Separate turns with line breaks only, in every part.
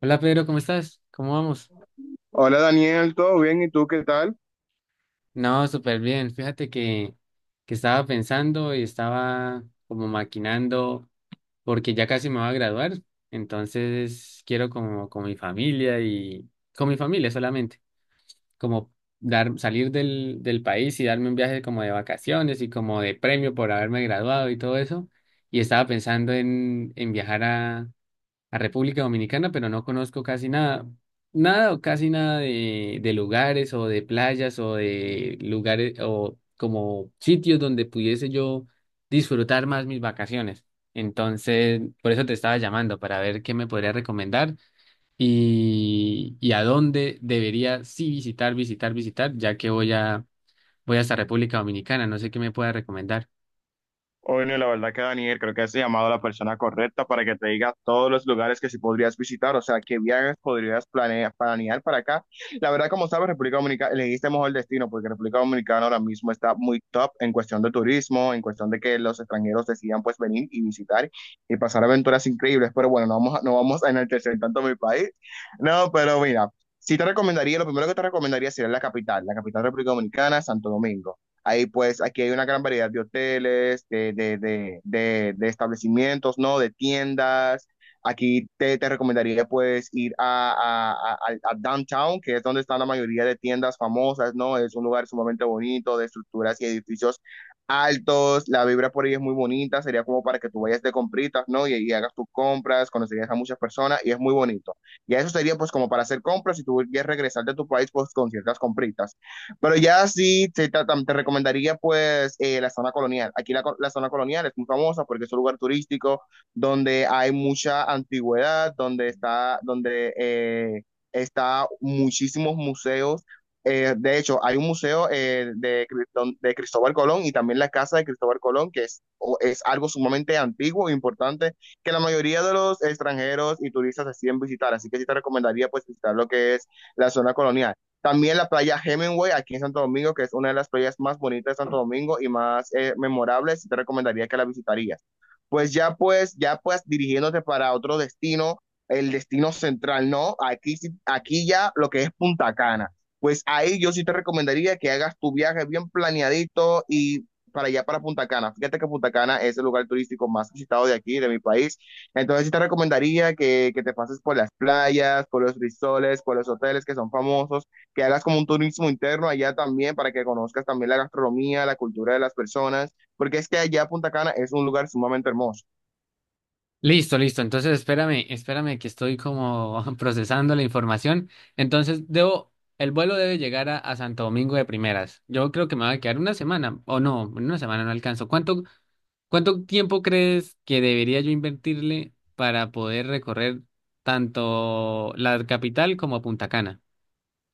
Hola Pedro, ¿cómo estás? ¿Cómo vamos?
Hola Daniel, ¿todo bien? ¿Y tú qué tal?
No, súper bien. Fíjate que estaba pensando y estaba como maquinando porque ya casi me voy a graduar, entonces quiero como con mi familia y con mi familia solamente, como dar, salir del país y darme un viaje como de vacaciones y como de premio por haberme graduado y todo eso. Y estaba pensando en viajar a República Dominicana, pero no conozco casi nada, nada o casi nada de lugares o de playas o de lugares o como sitios donde pudiese yo disfrutar más mis vacaciones. Entonces, por eso te estaba llamando para ver qué me podría recomendar y a dónde debería sí visitar, ya que voy hasta República Dominicana, no sé qué me pueda recomendar.
Bueno, la verdad que Daniel, creo que has llamado a la persona correcta para que te diga todos los lugares que sí podrías visitar, o sea, qué viajes podrías planear para acá. La verdad, como sabes, República Dominicana, elegiste mejor destino porque República Dominicana ahora mismo está muy top en cuestión de turismo, en cuestión de que los extranjeros decidan pues venir y visitar y pasar aventuras increíbles, pero bueno, no vamos a enaltecer tanto mi país. No, pero mira, sí te recomendaría, lo primero que te recomendaría sería la capital de República Dominicana, Santo Domingo. Ahí pues aquí hay una gran variedad de hoteles, de establecimientos, ¿no? De tiendas. Aquí te recomendaría pues ir a Downtown, que es donde están la mayoría de tiendas famosas, ¿no? Es un lugar sumamente bonito, de estructuras y edificios altos, la vibra por ahí es muy bonita, sería como para que tú vayas de compritas, ¿no? Hagas tus compras, conocerías a muchas personas y es muy bonito. Y eso sería pues como para hacer compras y tú quieres regresar de tu país pues con ciertas compritas. Pero ya sí, te recomendaría pues la zona colonial. Aquí la zona colonial es muy famosa porque es un lugar turístico donde hay mucha antigüedad, donde está muchísimos museos. De hecho, hay un museo de Cristóbal Colón y también la casa de Cristóbal Colón, es algo sumamente antiguo e importante que la mayoría de los extranjeros y turistas deciden visitar. Así que sí te recomendaría pues visitar lo que es la zona colonial. También la playa Hemingway aquí en Santo Domingo, que es una de las playas más bonitas de Santo Domingo y más memorables, te recomendaría que la visitarías. Ya pues dirigiéndote para otro destino, el destino central, ¿no? Aquí ya lo que es Punta Cana. Pues ahí yo sí te recomendaría que hagas tu viaje bien planeadito y para allá, para Punta Cana. Fíjate que Punta Cana es el lugar turístico más visitado de aquí, de mi país. Entonces sí te recomendaría que te pases por las playas, por los risoles, por los hoteles que son famosos, que hagas como un turismo interno allá también para que conozcas también la gastronomía, la cultura de las personas, porque es que allá Punta Cana es un lugar sumamente hermoso.
Listo, listo. Entonces, espérame, espérame que estoy como procesando la información. Entonces, debo, el vuelo debe llegar a Santo Domingo de primeras. Yo creo que me va a quedar una semana, o no, una semana no alcanzo. ¿Cuánto, cuánto tiempo crees que debería yo invertirle para poder recorrer tanto la capital como Punta Cana?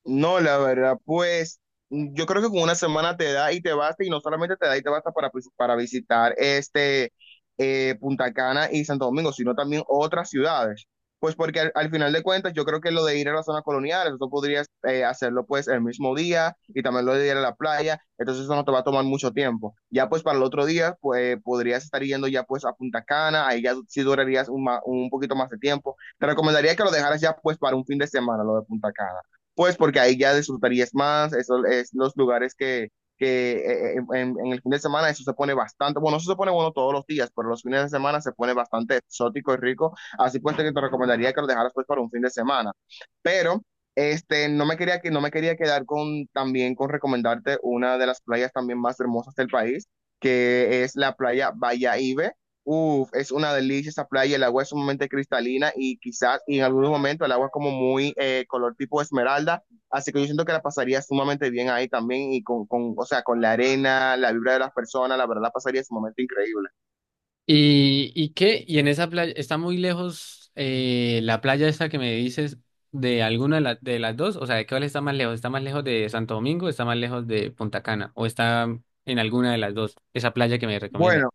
No, la verdad, pues yo creo que con una semana te da y te basta, y no solamente te da y te basta para, pues, para visitar Punta Cana y Santo Domingo, sino también otras ciudades. Pues porque al final de cuentas yo creo que lo de ir a las zonas coloniales eso podrías hacerlo pues el mismo día y también lo de ir a la playa, entonces eso no te va a tomar mucho tiempo. Ya pues para el otro día, podrías estar yendo ya pues a Punta Cana, ahí ya sí durarías un poquito más de tiempo. Te recomendaría que lo dejaras ya pues para un fin de semana, lo de Punta Cana pues porque ahí ya disfrutarías más, eso es los lugares que, en el fin de semana eso se pone bastante, bueno, eso se pone bueno todos los días, pero los fines de semana se pone bastante exótico y rico, así pues te recomendaría que lo dejaras pues para un fin de semana, pero... Este, no me quería quedar con también con recomendarte una de las playas también más hermosas del país, que es la playa Bahía Ibe. Uf, es una delicia esa playa, el agua es sumamente cristalina y quizás y en algunos momentos el agua es como muy color tipo esmeralda, así que yo siento que la pasaría sumamente bien ahí también y o sea, con la arena, la vibra de las personas, la verdad la pasaría sumamente increíble.
Y qué? ¿Y en esa playa está muy lejos la playa esta que me dices de alguna de, la- de las dos? O sea, ¿de cuál está más lejos? ¿Está más lejos de Santo Domingo? ¿Está más lejos de Punta Cana? ¿O está en alguna de las dos? Esa playa que me recomienda.
Bueno.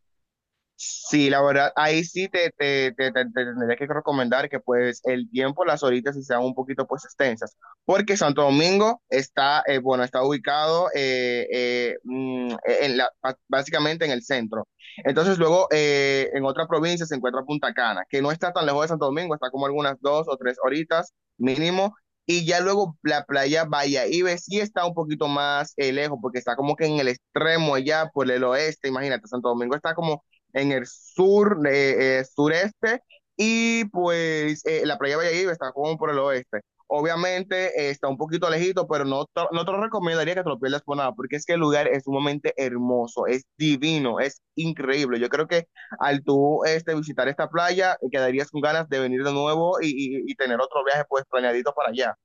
Sí, la verdad, ahí sí te tendría que recomendar que pues el tiempo, las horitas sí sean un poquito pues extensas, porque Santo Domingo está, bueno, está ubicado en básicamente en el centro. Entonces luego en otra provincia se encuentra Punta Cana, que no está tan lejos de Santo Domingo, está como algunas dos o tres horitas mínimo. Y ya luego la playa Ibe sí está un poquito más lejos, porque está como que en el extremo allá por el oeste, imagínate, Santo Domingo está como en el sur, sureste, y pues la playa de Valladolid está como por el oeste. Obviamente está un poquito lejito, pero no, no te lo recomendaría que te lo pierdas por nada, porque es que el lugar es sumamente hermoso, es divino, es increíble. Yo creo que al visitar esta playa, quedarías con ganas de venir de nuevo y tener otro viaje pues planeadito para allá.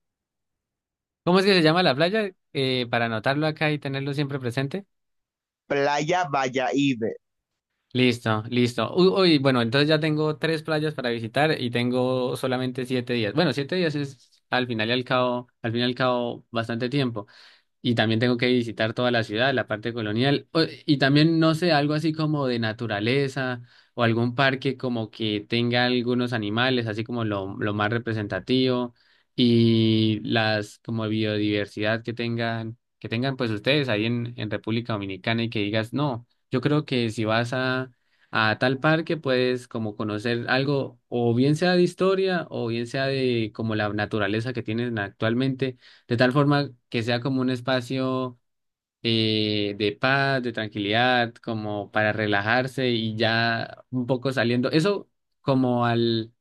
¿Cómo es que se llama la playa? Para anotarlo acá y tenerlo siempre presente.
Playa Valladolid,
Listo, listo. Uy, uy, bueno, entonces ya tengo tres playas para visitar y tengo solamente 7 días. Bueno, siete días es al final y al cabo, al fin y al cabo bastante tiempo. Y también tengo que visitar toda la ciudad, la parte colonial. O- Y también, no sé, algo así como de naturaleza o algún parque como que tenga algunos animales, así como lo más representativo y las como biodiversidad que tengan pues ustedes ahí en República Dominicana y que digas, no, yo creo que si vas a tal parque puedes como conocer algo o bien sea de historia o bien sea de como la naturaleza que tienen actualmente de tal forma que sea como un espacio de paz, de tranquilidad, como para relajarse y ya un poco saliendo. Eso como al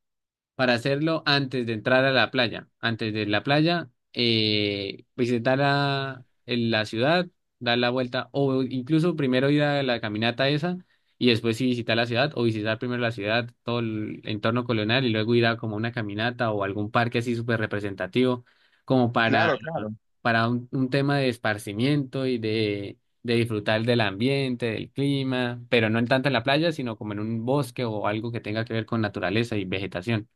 para hacerlo antes de entrar a la playa. Antes de la playa, visitar la, el- la ciudad, dar la vuelta, o incluso primero ir a la caminata esa y después sí visitar la ciudad, o visitar primero la ciudad, todo el entorno colonial y luego ir a como una caminata o algún parque así súper representativo, como
claro, claro.
para un tema de esparcimiento y de disfrutar del ambiente, del clima, pero no en tanto en la playa, sino como en un bosque o algo que tenga que ver con naturaleza y vegetación.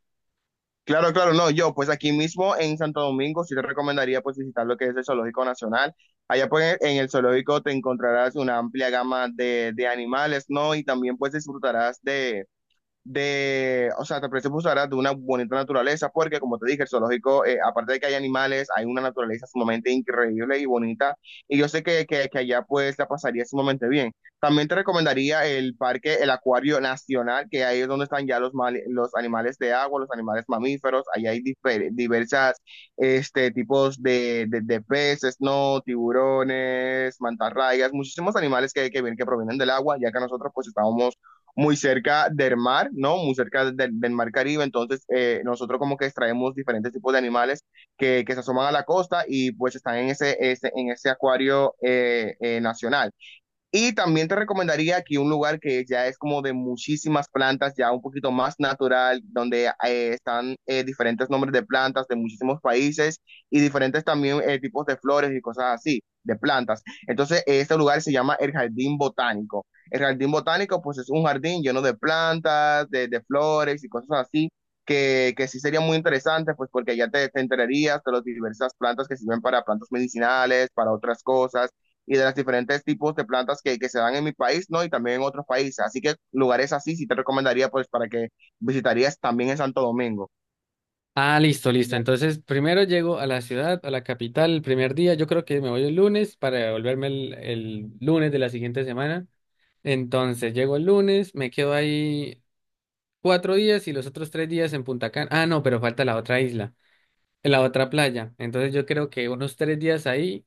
Claro, claro, no, yo pues aquí mismo en Santo Domingo sí te recomendaría pues visitar lo que es el Zoológico Nacional. Allá pues en el zoológico te encontrarás una amplia gama de animales, ¿no? Y también pues disfrutarás de, o sea, te ofrece de una bonita naturaleza, porque como te dije, el zoológico, aparte de que hay animales, hay una naturaleza sumamente increíble y bonita, y yo sé que allá pues la pasaría sumamente bien. También te recomendaría el parque, el acuario nacional, que ahí es donde están ya los animales de agua, los animales mamíferos, ahí hay diversas este, tipos de peces, ¿no? Tiburones, mantarrayas, muchísimos animales que provienen del agua, ya que nosotros pues estábamos muy cerca del mar, ¿no? Muy cerca del mar Caribe. Entonces, nosotros como que extraemos diferentes tipos de animales que se asoman a la costa y pues están en en ese acuario nacional. Y también te recomendaría aquí un lugar que ya es como de muchísimas plantas, ya un poquito más natural, donde están diferentes nombres de plantas de muchísimos países y diferentes también tipos de flores y cosas así, de plantas. Entonces, este lugar se llama el Jardín Botánico. El Jardín Botánico, pues es un jardín lleno de plantas, de flores y cosas así, que sí sería muy interesante, pues porque ya te enterarías de las diversas plantas que sirven para plantas medicinales, para otras cosas y de los diferentes tipos de plantas que se dan en mi país, ¿no? Y también en otros países. Así que lugares así sí te recomendaría, pues, para que visitarías también en Santo Domingo.
Ah, listo, listo. Entonces, primero llego a la ciudad, a la capital, el primer día. Yo creo que me voy el lunes para devolverme el lunes de la siguiente semana. Entonces, llego el lunes, me quedo ahí 4 días y los otros 3 días en Punta Cana. Ah, no, pero falta la otra isla, la otra playa. Entonces, yo creo que unos 3 días ahí,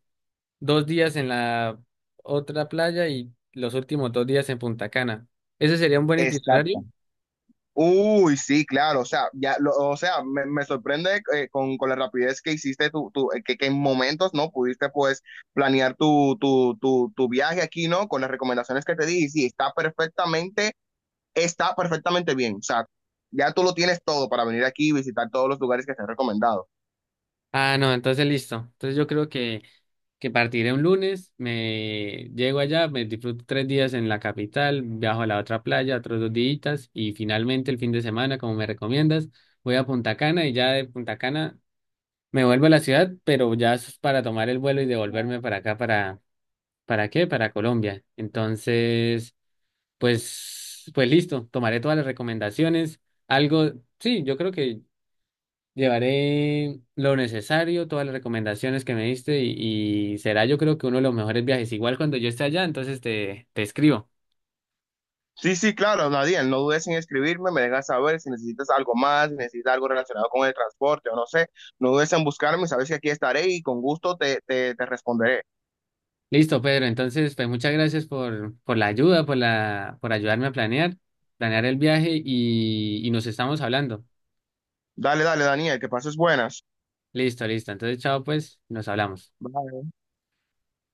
2 días en la otra playa y los últimos 2 días en Punta Cana. ¿Ese sería un buen itinerario?
Exacto. Uy, sí, claro, me sorprende con la rapidez que hiciste tu que en momentos, ¿no? Pudiste, pues, planear tu viaje aquí, ¿no? Con las recomendaciones que te di, y sí, está perfectamente bien, o sea, ya tú lo tienes todo para venir aquí y visitar todos los lugares que te he recomendado.
Ah, no, entonces listo. Entonces, yo creo que. Que partiré un lunes, me llego allá, me disfruto 3 días en la capital, viajo a la otra playa, otros 2 días y finalmente el fin de semana, como me recomiendas, voy a Punta Cana y ya de Punta Cana me vuelvo a la ciudad, pero ya es para tomar el vuelo y devolverme para acá, ¿para qué? Para Colombia. Entonces, pues, pues listo, tomaré todas las recomendaciones. Algo, sí, yo creo que llevaré lo necesario, todas las recomendaciones que me diste y será yo creo que uno de los mejores viajes. Igual cuando yo esté allá, entonces te escribo.
Sí, sí, claro, Nadine, no dudes en escribirme, me dejas saber si necesitas algo más, si necesitas algo relacionado con el transporte o no sé, no dudes en buscarme, sabes que aquí estaré y con gusto te responderé.
Listo, Pedro. Entonces, pues muchas gracias por la ayuda, por la, por ayudarme a planear, planear el viaje y nos estamos hablando.
Dale, dale, Daniel, que pases buenas.
Listo, listo. Entonces, chao, pues, nos hablamos.
Bye.